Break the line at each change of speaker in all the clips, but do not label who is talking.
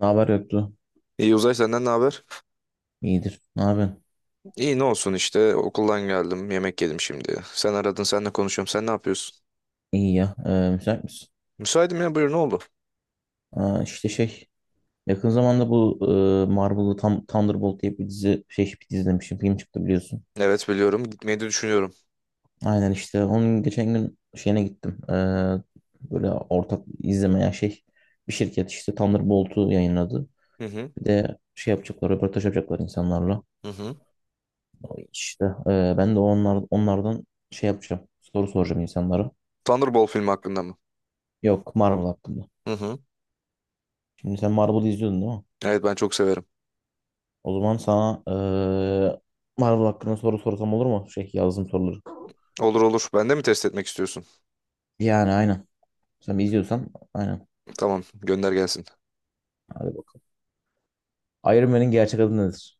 Ne haber yoktu?
İyi Uzay, senden ne haber?
İyidir. Ne yapıyorsun?
İyi, ne olsun işte, okuldan geldim, yemek yedim şimdi. Sen aradın, senle konuşuyorum, sen ne yapıyorsun?
İyi ya. Müsait misin?
Müsaitim ya, buyur, ne oldu?
Aa, işte şey. Yakın zamanda bu Marvel'lı Thunderbolt diye bir dizi şey bir dizi demişim. Film çıktı biliyorsun.
Evet biliyorum, gitmeyi de düşünüyorum.
Aynen işte. Onun geçen gün şeyine gittim. Böyle ortak izlemeye şey. Bir şirket işte Thunderbolt'u yayınladı.
Hı hı,
Bir de şey yapacaklar. Röportaj yapacaklar insanlarla.
hı hı.
İşte ben de onlardan şey yapacağım. Soru soracağım insanlara.
Thunderbolt filmi hakkında mı?
Yok Marvel hakkında.
Hı hı.
Şimdi sen Marvel'ı izliyordun değil mi?
Evet, ben çok severim.
O zaman sana Marvel hakkında soru sorsam olur mu? Şey yazdığım soruları.
Olur olur, ben de mi test etmek istiyorsun?
Yani aynen. Sen izliyorsan aynen.
Tamam, gönder gelsin.
Hadi bakalım. Iron Man'in gerçek adı nedir?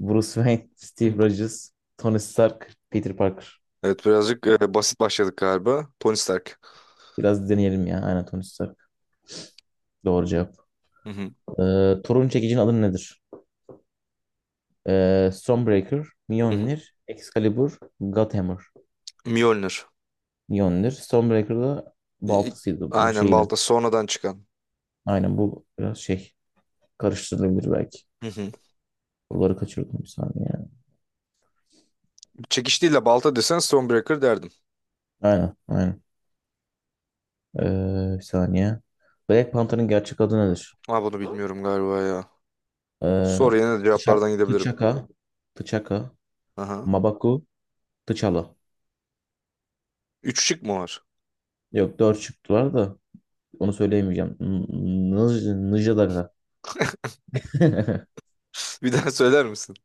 Bruce Wayne, Steve Rogers, Tony Stark, Peter Parker.
Evet, birazcık basit başladık galiba. Tony Stark.
Biraz deneyelim ya. Aynen Tony Stark. Doğru cevap.
Hı hı.
Thor'un çekicinin adı nedir? Stormbreaker,
Hı hı.
Mjolnir, Excalibur, Godhammer.
Mjolnir.
Mjolnir. Stormbreaker da
İ-
baltasıydı bu
Aynen,
şeyle.
balta sonradan çıkan.
Aynen, bu biraz şey karıştırılabilir belki.
Hı hı.
Buraları kaçırdım bir saniye.
Çekiç değil de balta desen Stonebreaker derdim.
Aynen, aynen. Bir saniye. Black Panther'ın gerçek adı nedir?
Ha, bunu bilmiyorum galiba ya.
Ee,
Sor, yine de
T'Chak-
cevaplardan gidebilirim.
T'Chaka, T'Chaka,
Aha.
Mabaku, T'Challa.
Üç şık mı var?
Yok dört çıktılar da onu söyleyemeyeceğim. Nıjdaka.
Bir daha söyler misin?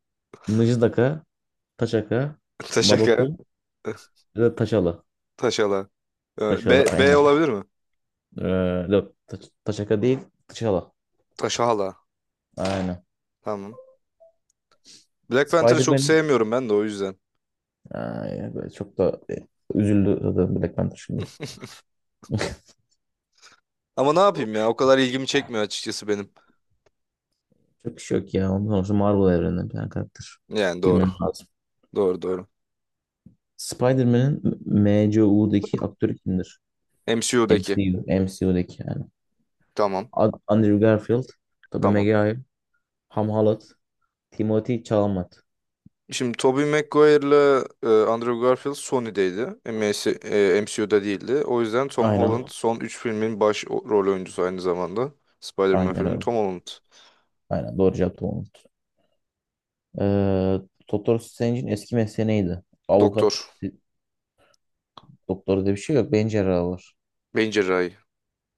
Nıjdaka, Taçaka,
Taşaka.
Mabaku ya da Taçala.
Taşala.
Taçala
B, B
aynen.
olabilir mi?
Ee, Yok Taçaka değil, Taçala.
Taşala.
Aynen.
Tamam. Black Panther'ı çok
Spider-Man.
sevmiyorum ben de o yüzden.
Ay, böyle çok da üzüldü zaten Black Panther şimdi.
Ama ne yapayım ya? O kadar ilgimi çekmiyor açıkçası benim.
Çok iş yok ya. Ondan sonra Marvel evreninden bir tane karakter.
Yani doğru.
Bilmem lazım.
Doğru doğru.
Spider-Man'in MCU'daki aktörü kimdir?
MCU'daki.
MCU, MCU'daki yani.
Tamam.
Andrew Garfield, Tobey
Tamam.
Maguire, Tom Holland, Timothy Chalamet.
Şimdi Tobey Maguire'la Andrew Garfield Sony'deydi. MS, MCU'da değildi. O yüzden Tom Holland
Aynen.
son 3 filmin baş rol oyuncusu aynı zamanda. Spider-Man
Aynen
filmi
öyle.
Tom Holland.
Aynen doğru cevap Tom Holland. Ee, Doktor Strange'in eski mesleği neydi?
Doktor.
Avukat, doktor diye bir şey yok. Beyin cerrahı var.
Beyin cerrahi.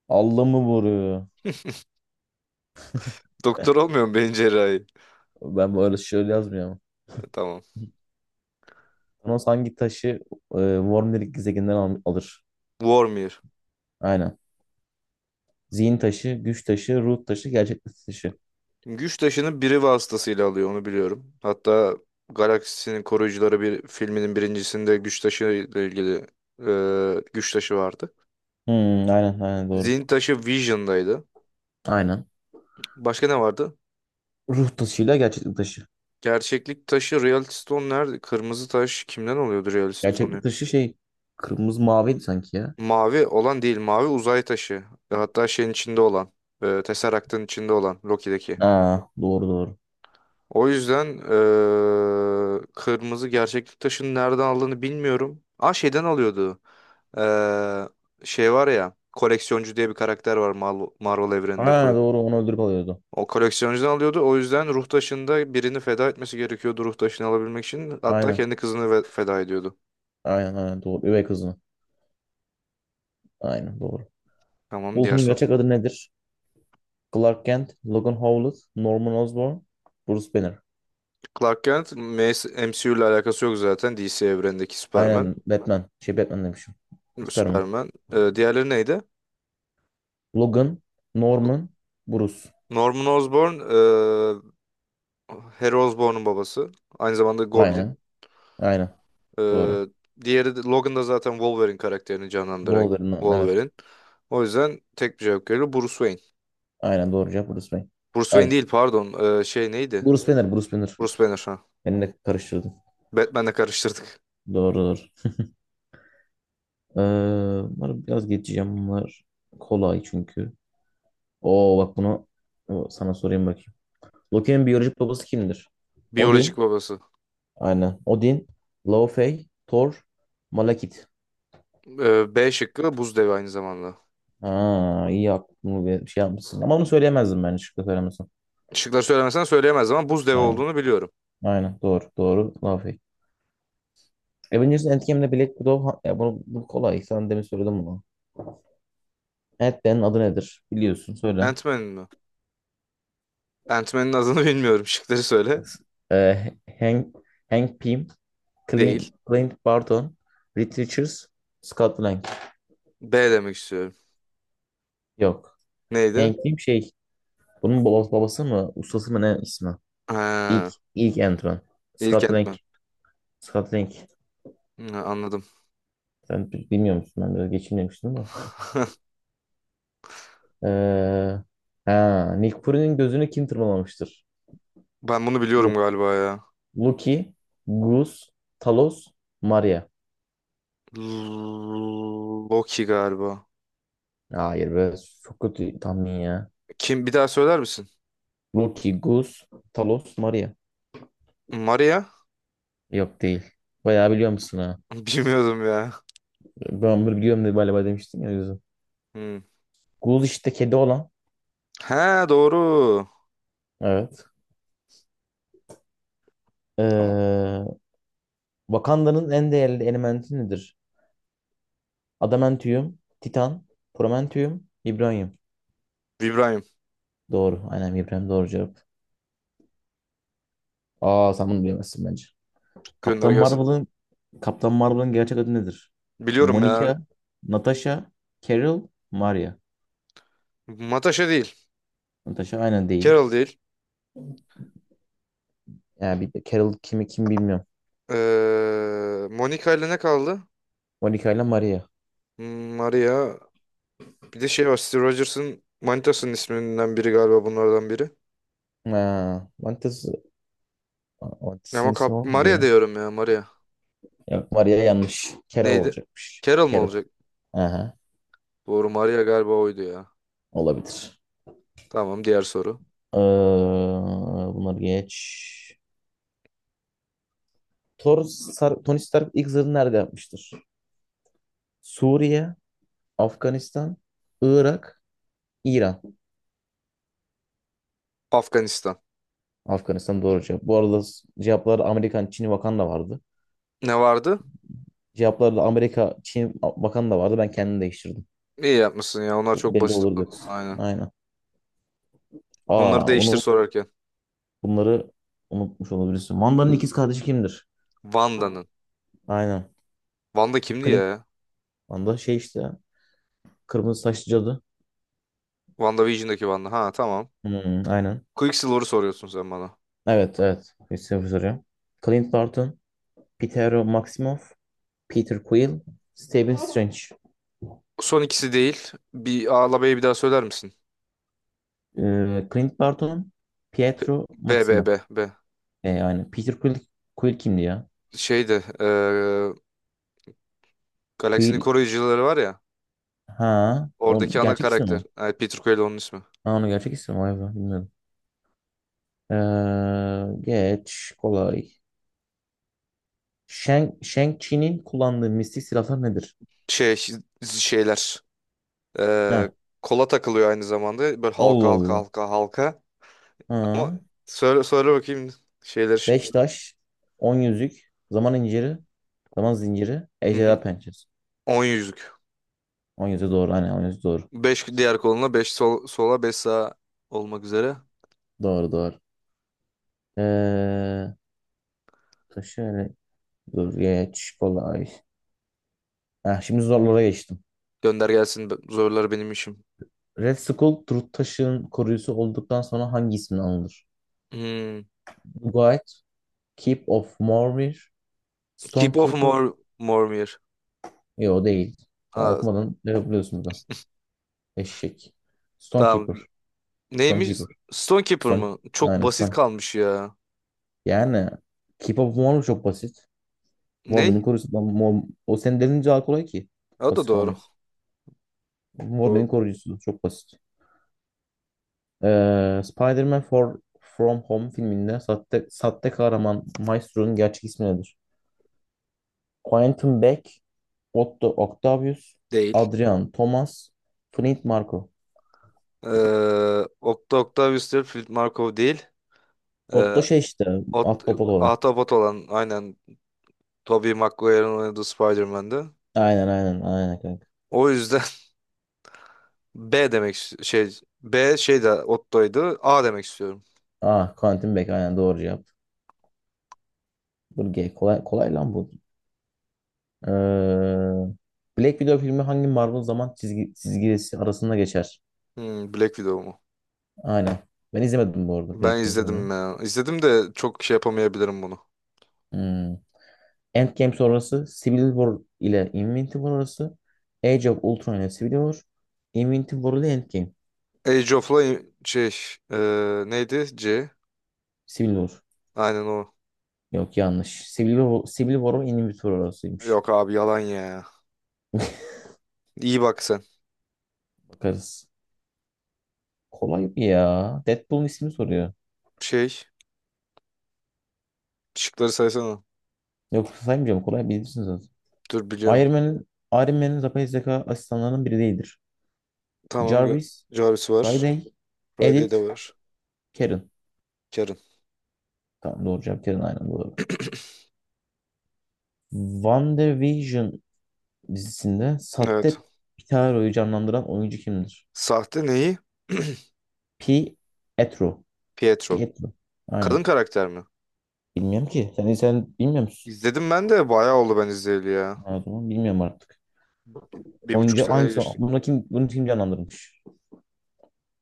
Allah mı vuruyor?
Doktor olmuyor mu beyin cerrahi?
Ben böyle şöyle yazmıyorum.
Tamam.
Thanos hangi taşı Worm'lik gezegeninden alır?
Vormir.
Aynen. Zihin taşı, güç taşı, ruh taşı, gerçeklik taşı.
Güç taşını biri vasıtasıyla alıyor, onu biliyorum. Hatta Galaksinin Koruyucuları bir filminin birincisinde güç taşı ile ilgili güç taşı vardı.
Aynen aynen doğru.
Zihin taşı Vision'daydı.
Aynen.
Başka ne vardı?
Ruh taşıyla gerçeklik taşı.
Gerçeklik taşı Reality Stone nerede? Kırmızı taş kimden oluyordu Reality Stone'u?
Gerçeklik taşı şey kırmızı maviydi sanki ya.
Mavi olan değil, mavi uzay taşı. Hatta şeyin içinde olan, Tesseract'ın içinde olan Loki'deki.
Aa, doğru doğru.
O yüzden kırmızı gerçeklik taşını nereden aldığını bilmiyorum. Aa, şeyden alıyordu. Eee, şey var ya, koleksiyoncu diye bir karakter var Marvel evreninde.
Aa, doğru onu öldürüp alıyordu.
O koleksiyoncudan alıyordu. O yüzden ruh taşında birini feda etmesi gerekiyordu, ruh taşını alabilmek için. Hatta
Aynen.
kendi kızını feda ediyordu.
Aynen aynen doğru. Üvey kızını. Aynen doğru.
Tamam, diğer
Bulut'un
son.
gerçek adı nedir? Clark Kent, Logan Howlett, Norman Osborn, Bruce Banner.
Clark Kent M S M C U ile alakası yok zaten. D C evrenindeki Superman.
Aynen Batman. Şey Batman demişim. Superman.
Superman. Diğerleri neydi?
Logan, Norman, Bruce.
Norman Osborn Harry Osborn'un babası. Aynı zamanda Goblin.
Aynen. Aynen.
Ee,
Doğru.
diğeri de, Logan da zaten Wolverine karakterini canlandıran
Wolverine. Evet.
Wolverine. O yüzden tek bir cevap geliyor. Bruce Wayne.
Aynen doğru cevap Bruce Wayne.
Bruce Wayne
Ay.
değil, pardon. Şey neydi?
Bruce Banner, Bruce Banner.
Bruce Banner, ha.
Beni de karıştırdım.
Batman'le karıştırdık.
Doğru doğru. Bunları biraz geçeceğim. Bunlar kolay çünkü. Oo bak bunu sana sorayım bakayım. Loki'nin biyolojik babası kimdir?
Biyolojik
Odin.
babası.
Aynen. Odin, Laufey, Thor, Malekith.
B şıkkı buz devi aynı zamanda.
Aa, iyi aklımı bir şey yapmışsın. Ama bunu söyleyemezdim ben şıkkı söylemesem.
Şıkları söylemesen söyleyemez ama buz devi
Aynen.
olduğunu biliyorum.
Aynen. Doğru. Doğru. Laufey. Avengers Endgame'de Black Widow ya bunu, bu kolay. Sen demin söyledim bunu. Ant-Man'in adı nedir? Biliyorsun söyle.
Ant-Man'in mi? Ant-Man'in adını bilmiyorum. Şıkları söyle.
Ee, Hank, Hank Pym, Clint,
Değil.
Clint Barton, Reed Richards, Scott Lang.
B demek istiyorum.
Yok.
Neydi?
Hank Pym şey, bunun babası, babası mı, ustası mı ne ismi? İlk,
Ha,
ilk Ant-Man.
ilk
Scott Lang,
Ant-Man.
Scott Lang.
Ha, anladım.
Sen bilmiyor musun? Ben biraz geçeyim demiştim ama. Ee, ha, Nick Fury'nin gözünü kim tırmalamıştır?
Ben bunu biliyorum
Lu-
galiba ya.
Loki, Goose, Talos, Maria.
Loki galiba.
Hayır be, çok kötü tahmin ya.
Kim, bir daha söyler misin?
Loki, Goose, Talos, Maria.
Maria?
Yok değil. Bayağı biliyor musun ha?
Bilmiyordum ya.
Ben bunu biliyorum diye galiba demiştin ya o yüzden.
Hmm.
Gus işte kedi olan.
He, doğru.
Evet.
Tamam.
Ee, Wakanda'nın en değerli elementi nedir? Adamantium, Titan, Prometheum, Vibranium.
İbrahim,
Doğru. Aynen Vibranium doğru cevap. Aa, sen bunu bilemezsin bence.
gönder
Kaptan
gelsin.
Marvel'ın Kaptan Marvel'ın gerçek adı nedir?
Biliyorum ya.
Monica, Natasha, Carol, Maria.
Natasha değil.
Natasha aynen değil.
Carol değil.
Yani bir de Carol kimi kim bilmiyorum.
Monica ile ne kaldı?
Monica ile Maria.
Hmm, Maria. Bir de şey var. Steve Rogers'ın manitasının isminden biri galiba bunlardan biri.
Ha, Mantas, Mantas'ın
Ama
ismi
kap,
o mu
Maria
diye.
diyorum ya, Maria.
Yok Maria yanlış. Carol
Neydi?
olacakmış.
Carol mu
Carol.
olacak?
Aha,
Doğru, Maria galiba oydu ya.
olabilir.
Tamam, diğer soru.
Ee, Bunları geç. Tony Stark ilk zırhını nerede yapmıştır? Suriye, Afganistan, Irak, İran.
Afganistan.
Afganistan doğru cevap. Bu arada cevaplarda Amerikan, Çin, Vakanda vardı.
Ne vardı?
Cevaplarda Amerika, Çin, Vakanda vardı. Ben kendim değiştirdim.
İyi yapmışsın ya. Onlar
Çok
çok
belli
basit
olurdu
oldu.
yoksa.
Aynen.
Aynen.
Onları
Aa,
değiştir
bunu
sorarken.
Bunları unutmuş olabilirsin. Wanda'nın ikiz kardeşi kimdir?
Wanda'nın.
Aynen.
Wanda kimdi
Clint.
ya?
Wanda şey işte. Kırmızı saçlı cadı.
WandaVision'daki Wanda. Ha, tamam.
Aynen.
Quicksilver'ı soruyorsun sen bana.
Evet evet. Christopher soruyor. Clint Barton, Pietro Maximoff, Peter Quill, Stephen Strange.
Son ikisi değil. Bir A'la B'yi bir daha söyler misin?
Clint Barton, Pietro
B, B, B,
Maximoff.
B.
Yani Peter Quill, Quill kimdi ya?
Şeyde. Galaksinin
Quill,
koruyucuları var ya.
ha o
Oradaki ana
gerçek ismi
karakter.
mi?
Evet, Peter Quill onun ismi.
Ha onu gerçek ismi mi? Vay be bilmiyorum. Geç kolay. Shang-Chi'nin kullandığı mistik silahlar nedir?
Şey, şeyler.
He.
eee, kola takılıyor aynı zamanda. Böyle halka
Allah
halka
Allah.
halka halka. Ama
Ha.
söyle, söyle bakayım, şeyler.
Beş taş, on yüzük, zaman inciri, zaman zinciri,
Hı
ejderha
hı.
pençesi.
10 yüzlük.
On yüzüğü doğru. Hani on yüzüğü doğru.
5 diğer koluna, 5 sol, sola, 5 sağa olmak üzere.
Doğru doğru. Ee, Taşı öyle. Dur geç. Kolay. Heh, şimdi zorlara geçtim.
Gönder gelsin. Zorlar benim işim.
Red Skull, Truth Taşı'nın koruyucusu olduktan sonra hangi isimle anılır?
Hmm.
Guide, Keep of Mormir,
Keep of
Stonekeeper.
Mormir.
Yok o değil. Daha
Aa,
okumadan ne yapıyorsunuz? Eşek.
tamam.
Stonekeeper.
Neymiş?
Stonekeeper.
Stonekeeper
Stone.
mı? Çok
Aynen
basit
Stonekeeper.
kalmış ya.
Yani Keep Up Warm çok basit. Warm'in
Ney?
koruyucusu. Lan O senin dediğin daha kolay ki.
O da
Basit
doğru.
kalmaz.
Doğru.
Warm'in koruyucusu çok basit. Spider-Man From Home filminde sahte kahraman Maestro'nun gerçek ismi nedir? Quentin Beck, Otto Octavius,
Değil.
Adrian Thomas, Flint Marko.
Ee, Okta Octavius Field Markov değil.
Otto
Ee,
şey işte,
Ot
at topal olan.
Ahtapot olan aynen Tobey Maguire'ın oynadığı Spider-Man'di.
Aynen aynen aynen kanka.
O yüzden B demek şey, B, şey de Otto'ydu. A demek istiyorum.
Ah, Quentin Beck aynen doğru cevap. Dur G kolay kolay lan bu. Ee, Black Widow filmi hangi Marvel zaman çizgisi arasında geçer?
Hmm, Black Widow mu?
Aynen. Ben izlemedim bu arada Black
Ben
Widow filmini.
izledim ya. İzledim de çok şey yapamayabilirim bunu.
Hmm. Endgame sonrası Civil War ile Infinity War arası. Age of Ultron ile Civil War. Infinity War ile Endgame.
Age of Lion şey, neydi? C.
Civil War.
Aynen o.
Yok yanlış. Civil War ile Infinity War arasıymış.
Yok abi, yalan ya. İyi bak sen.
Bakarız. Kolay bir ya. Deadpool'un ismini soruyor.
Şey, şıkları saysana.
Yok saymayacağım. Kolay bilirsiniz zaten.
Dur, biliyorum.
Iron Man'in yapay zeka asistanlarının biri değildir.
Tamam.
Jarvis,
Jarvis var.
Friday,
Friday de
Edith,
var.
Karen.
Karen.
Tamam doğru cevap Karen aynen doğru. WandaVision dizisinde
Evet.
sahte Pitaro'yu canlandıran oyuncu kimdir?
Sahte neyi?
Pietro.
Pietro.
Pietro.
Kadın
Aynen.
karakter mi?
Bilmiyorum ki. Sen bilmiyor musun?
İzledim, ben de bayağı oldu ben izleyeli ya.
Ha, o bilmiyorum artık.
Bir buçuk
Oyuncu
sene
hangisi?
geçti.
Bunu kim canlandırmış?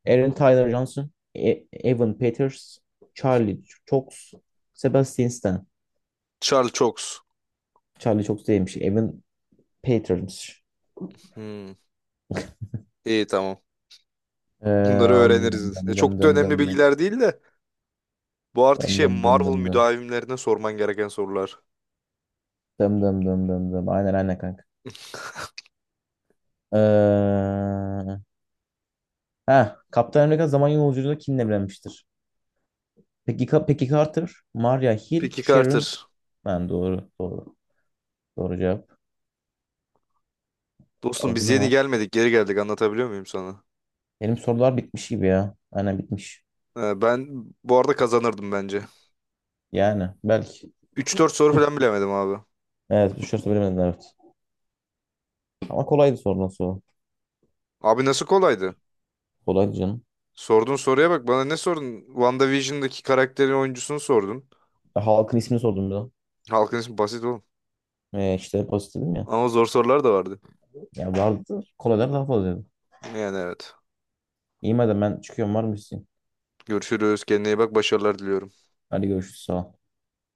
Aaron Tyler Johnson, Evan Peters, Charlie Cox, Sebastian Stan.
Charles Cox.
Charlie Cox değilmiş. Evan Peters'miş.
Hmm. İyi, tamam. Bunları
Dem
öğreniriz.
dem
Çok da
dem
önemli
dem dem
bilgiler değil de bu artık
dem
şey,
dem dem dem
Marvel
dem dem
müdavimlerine sorman gereken sorular.
dem dem dem dem dem aynen aynen kanka. Ee, ha, Kaptan Amerika zaman yolculuğunda kimle evlenmiştir? Peki Peggy Carter, Maria Hill,
Peki
Sharon.
Carter.
Ben doğru doğru doğru cevap.
Dostum,
O bu
biz
ne
yeni
lan?
gelmedik, geri geldik, anlatabiliyor muyum sana?
Benim sorular bitmiş gibi ya. Aynen bitmiş.
Ben bu arada kazanırdım bence.
Yani belki.
Üç dört soru falan bilemedim abi.
Evet düşerse bilemedin evet. Ama kolaydı soru nasıl? O?
Abi, nasıl kolaydı?
Kolaydı canım.
Sorduğun soruya bak, bana ne sordun? WandaVision'daki karakterin oyuncusunu sordun.
Halkın ismini sordum bir de.
Halkın ismi basit oğlum.
İşte pozitifim ya.
Ama zor sorular da vardı.
Ya vardı. Kolaylar daha fazlaydı.
Yani evet.
İyi madem ben çıkıyorum var mı?
Görüşürüz. Kendine iyi bak. Başarılar diliyorum.
Hadi görüşürüz. Sağ ol.